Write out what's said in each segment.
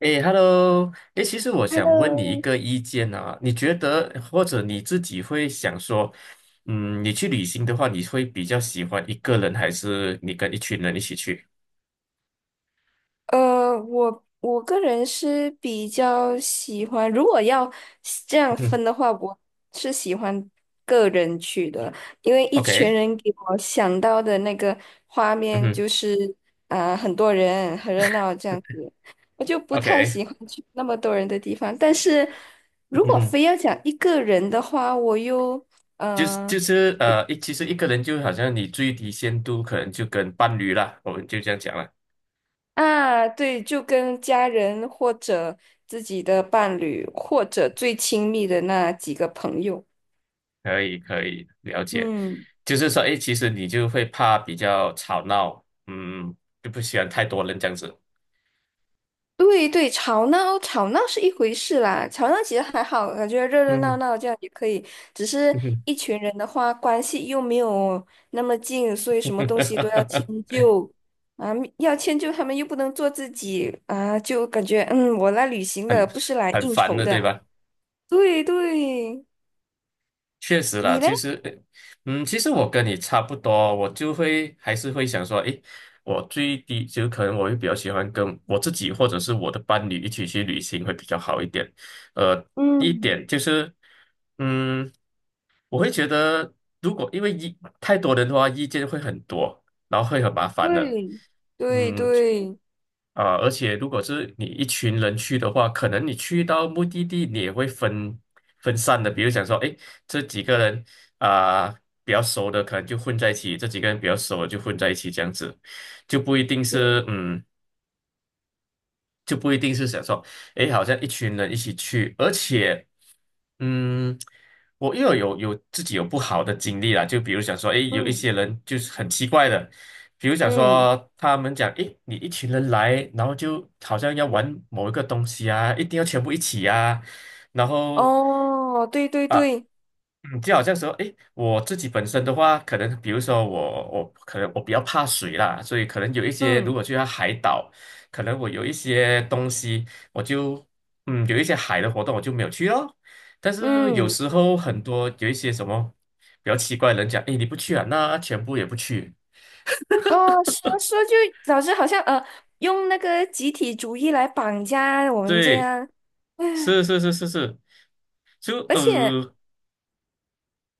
诶 hello 诶，其实我想问你一 Hello，个意见啊，你觉得或者你自己会想说，嗯，你去旅行的话，你会比较喜欢一个人，还是你跟一群人一起去？我个人是比较喜欢，如果要这样嗯分的话，我是喜欢个人去的，因为一群，OK。人给我想到的那个画嗯面哼就是啊、很多人很热闹这样子，我就不太，OK。喜欢去那么多人的地方。但是嗯如果哼。非要讲一个人的话，我又就是呃就是呃，一其实一个人就好像你最低限度可能就跟伴侣啦，我们就这样讲了，啊，对，就跟家人或者自己的伴侣，或者最亲密的那几个朋友。可以了解。嗯，就是说，诶，其实你就会怕比较吵闹，嗯，就不喜欢太多人这样子。对对，吵闹吵闹是一回事啦，吵闹其实还好，感觉热热闹嗯。闹这样也可以。只是哼。一群人的话，关系又没有那么近，所以什么东西都要迁 就啊，要迁就他们又不能做自己啊，就感觉我来旅行很的，不是来很应烦酬的，对的。吧？对对，确实啦，你嘞？其实我跟你差不多，我就会还是会想说，诶，我最低就可能我会比较喜欢跟我自己或者是我的伴侣一起去旅行会比较好一点。呃，一嗯，点就是，嗯，我会觉得如果因为太多人的话，意见会很多，然后会很麻烦的。对对嗯，对啊、而且如果是你一群人去的话，可能你去到目的地，你也会分散的。比如讲说，哎，这几个人啊、比较熟的，可能就混在一起；这几个人比较熟的就混在一起，这样子就不一定对，是嗯就不一定是想说，诶，好像一群人一起去，而且，嗯，我又有自己有不好的经历啦，就比如想说，诶，有一嗯些人就是很奇怪的，比如想嗯，说他们讲，诶，你一群人来，然后就好像要玩某一个东西啊，一定要全部一起啊，然后。哦，对对啊。对，嗯，就好像说，诶，我自己本身的话，可能比如说我可能我比较怕水啦，所以可能有一些如嗯果去到海岛，可能我有一些东西，我就有一些海的活动我就没有去哦。但是有嗯，时候很多有一些什么比较奇怪的人讲，诶，你不去啊，那全部也不去。哦，说说就老师好像用那个集体主义来绑架我们这对，样，是是是是是，就而且。呃，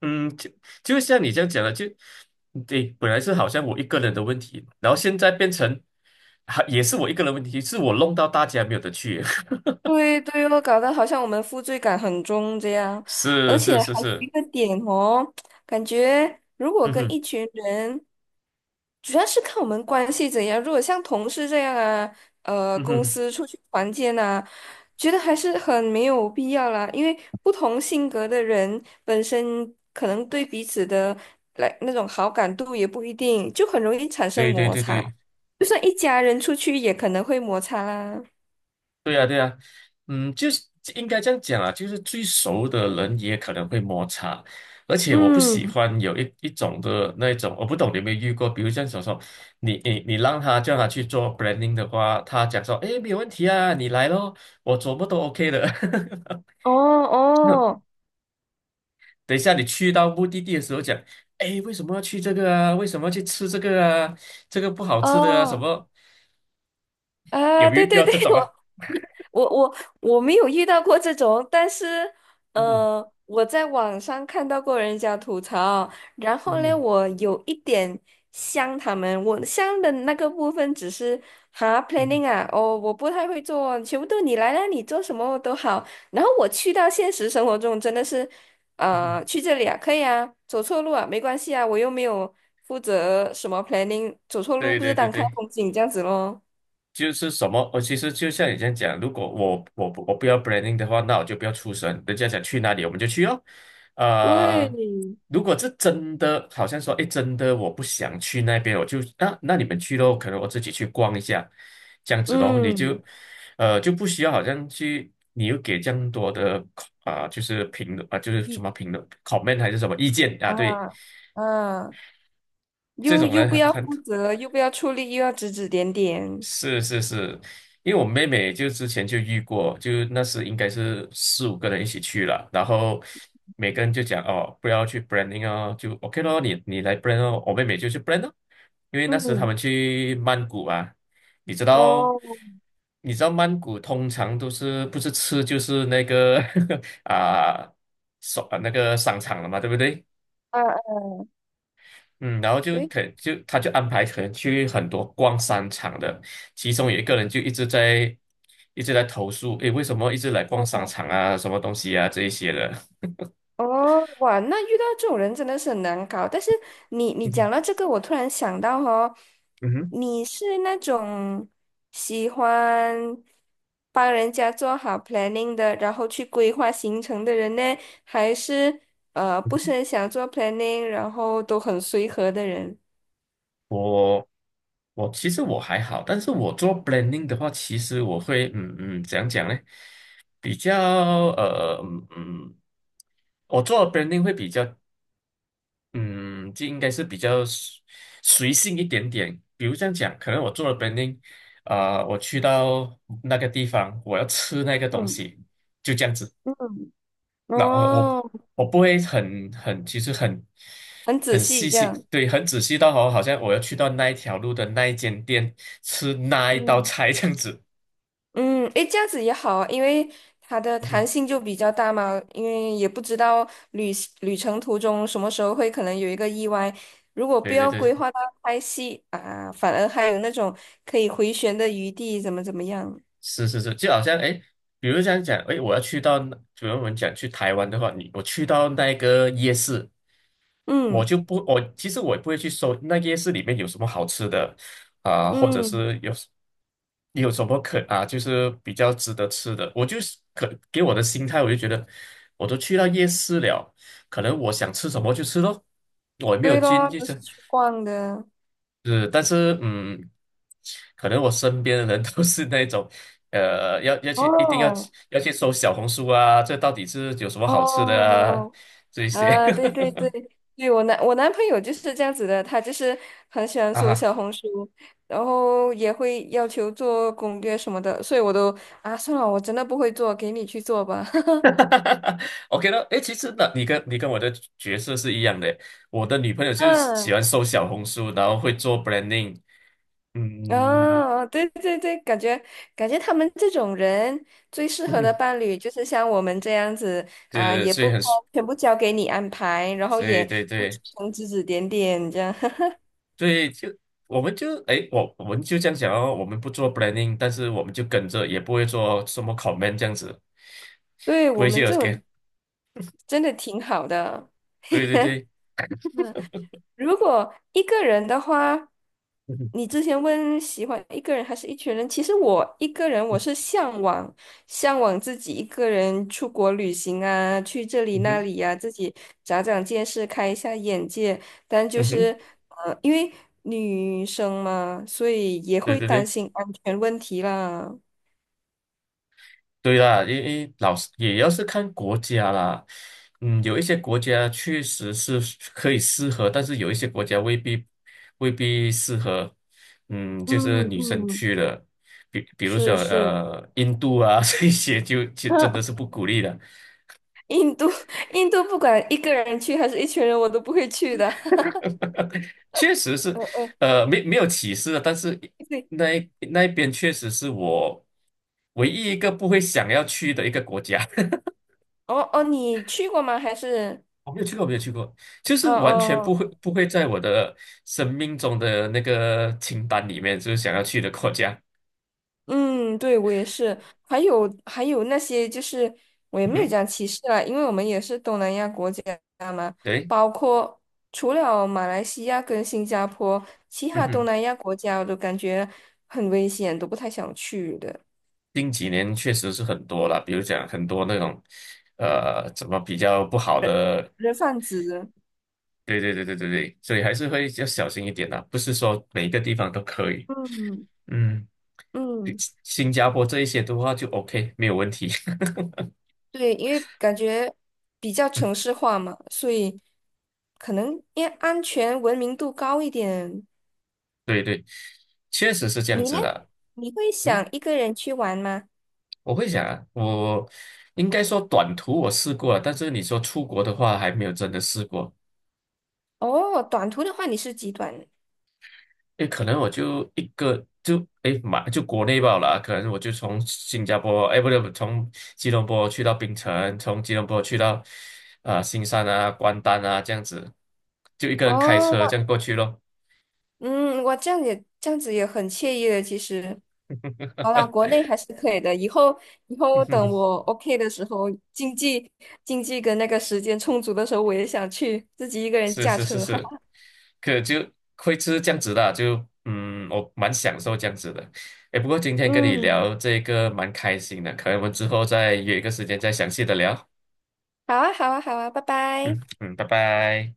嗯，就就像你这样讲的，就对，本来是好像我一个人的问题，然后现在变成，还也是我一个人的问题，是我弄到大家没有得去。对对哦，搞得好像我们负罪感很重这样，而是是且是还有是，一个点哦，感觉如果嗯跟哼一群人，主要是看我们关系怎样。如果像同事这样啊，嗯公哼，司出去团建啊，觉得还是很没有必要啦，因为不同性格的人本身可能对彼此的来那种好感度也不一定，就很容易产生对对摩对擦。对就算一家人出去，也可能会摩擦啦。对呀、对呀、嗯，就是应该这样讲啊，就是最熟的人也可能会摩擦，而且我不喜嗯。欢有一种的那一种，我不懂你有没有遇过，比如像小时候，你让他叫他去做 branding 的话，他讲说，诶，没有问题啊，你来咯，我怎么都 OK 的。哦 那哦等一下你去到目的地的时候讲，诶，为什么要去这个啊？为什么要去吃这个啊？这个不好吃的啊？什哦，么？有哎，没有对遇对到对，这 种啊？我我我没有遇到过这种，但是，嗯哼我在网上看到过人家吐槽，然嗯后呢，哼我有一点像他们，我像的那个部分只是嗯哼 planning 啊，哦，我不太会做，全部都你来啦，你做什么都好。然后我去到现实生活中，真的是，嗯哼，去这里啊，可以啊，走错路啊，没关系啊，我又没有负责什么 planning，走错路对不是对对当看对。风景这样子咯。就是什么，我其实就像你这样讲，如果我不要 branding 的话，那我就不要出声，人家想去哪里我们就去哦。对，呃，如果这真的好像说，哎，真的我不想去那边，我就那你们去咯，可能我自己去逛一下，这样子咯，你就嗯。呃就不需要好像去，你又给这样多的啊、就是评论啊、就是什么评论 comment 还是什么意见啊，对，啊啊，这又种又人不很要很负责，又不要出力，又要指指点点。是是是，因为我妹妹就之前就遇过，就那时应该是4、5个人一起去了，然后每个人就讲哦，不要去 branding 哦，就 OK 咯，你来 brand 哦，我妹妹就去 brand 哦，因为那时他嗯，们去曼谷啊，你知道，哦，你知道曼谷通常都是不是吃就是那个 啊，那个商场了嘛，对不对？啊，啊嗯，然后就对，他就安排可能去很多逛商场的，其中有一个人就一直在投诉，诶，为什么一直来逛商哦，场啊，什么东西啊这一些的。哦，哇，那遇到这种人真的是很难搞。但是你嗯哼，讲到这个，我突然想到哦，嗯哼你是那种喜欢帮人家做好 planning 的，然后去规划行程的人呢，还是不是很想做 planning，然后都很随和的人？我我其实我还好，但是我做 blending 的话，其实我会怎样讲呢？比较呃嗯嗯，我做 branding 会比较嗯，就应该是比较随性一点点。比如这样讲，可能我做了 branding，我去到那个地方，我要吃那个东嗯西，就这样子。嗯。那我哦，我不会其实很很仔很细细这心，样。对，很仔细到好，好像我要去到那一条路的那一间店吃那一道嗯菜这样子。嗯，诶，这样子也好啊，因为它的嗯弹哼性就比较大嘛，因为也不知道旅程途中什么时候会可能有一个意外。如果不对对要对，规划到拍戏啊，反而还有那种可以回旋的余地，怎么样？是是是，就好像哎，诶比如这样讲，哎，我要去到那，比如我们讲去台湾的话，你我去到那个夜市。我嗯就不，我其实我也不会去搜那夜市里面有什么好吃的啊、或者嗯，是有什么就是比较值得吃的。我就是给我的心态，我就觉得我都去到夜市了，可能我想吃什么就吃咯，我也没有对经咯，济都是识，去逛的。是，但是可能我身边的人都是那种。呃，要去，一定要去哦要去搜小红书啊，这到底是有什么好吃的啊？哦，这一些 啊，对对对，对我男朋友就是这样子的，他就是很喜欢 搜啊，小红书，然后也会要求做攻略什么的，所以我都啊算了，我真的不会做，给你去做吧。哈哈哈 OK 了，诶，其实呢，你跟我的角色是一样的。我的女朋友就是喜嗯，欢搜小红书，然后会做 branding，嗯，啊，对对对，感觉他们这种人最适合的伴 侣就是像我们这样子啊，对，也所以不很，全部交给你安排，然后对也对不出对，声指指点点这样，所以就我们就诶，我们就这样讲哦，我们不做 branding，但是我们就跟着，也不会做什么 comment 这样子，对不我会去 们这 OK，种真的挺好的。对对对，如果一个人的话，嗯哼你之前问喜欢一个人还是一群人，其实我一个人我是向往自己一个人出国旅行啊，去这里嗯那哼里呀、自己长长见识，开一下眼界。但就嗯哼，是因为女生嘛，所以也对会对担对。心安全问题啦。对啦，因为老师也要是看国家啦，嗯，有一些国家确实是可以适合，但是有一些国家未必适合，嗯，嗯就是女生嗯，去了，比比如说是是，呃印度啊 这些就真的是 不鼓励的，印度印度不管一个人去还是一群人，我都不会去的。确实是，嗯嗯，没有歧视的，但是 对。那一边确实是我唯一一个不会想要去的一个国家。哦哦，你去过吗？还是我没有去过，没有去过，就哦是完全不哦会不会在我的生命中的那个清单里面，就是想要去的国家。嗯，对我也是。还有那些就是我也嗯没有哼，讲歧视啦，因为我们也是东南亚国家嘛，对，包括除了马来西亚跟新加坡，其嗯他东哼，南亚国家我都感觉很危险，都不太想去的。近几年确实是很多了，比如讲很多那种，怎么比较不好人的，人贩子，对对对对对对，所以还是会要小心一点啦，不是说每一个地方都可以。嗯嗯，比嗯，新加坡这一些的话就 OK，没有问题。对，因为感觉比较城 市化嘛，所以可能因为安全文明度高一点。对对，确实是这样你呢？子的。你会嗯。想一个人去玩吗？我会想啊，我应该说短途我试过了，但是你说出国的话还没有真的试过。哦，短途的话你是极短诶，可能我就一个就诶就国内罢了啊可能我就从新加坡，诶不对，从吉隆坡去到槟城，从吉隆坡去到啊、新山啊、关丹啊这样子，就一个人开哦，车这样过去咯。我这样也这样子也很惬意的，其实。好啦，国 内还是可以的。以后等我 OK 的时候，经济跟那个时间充足的时候，我也想去自己一个人是驾是是车。是。可就会吃这样子的啊就我蛮享受这样子的。哎，不过今天跟你嗯，聊这个蛮开心的，可能我们之后再约一个时间再详细的聊。好啊，好啊，好啊，拜拜。嗯嗯，拜拜。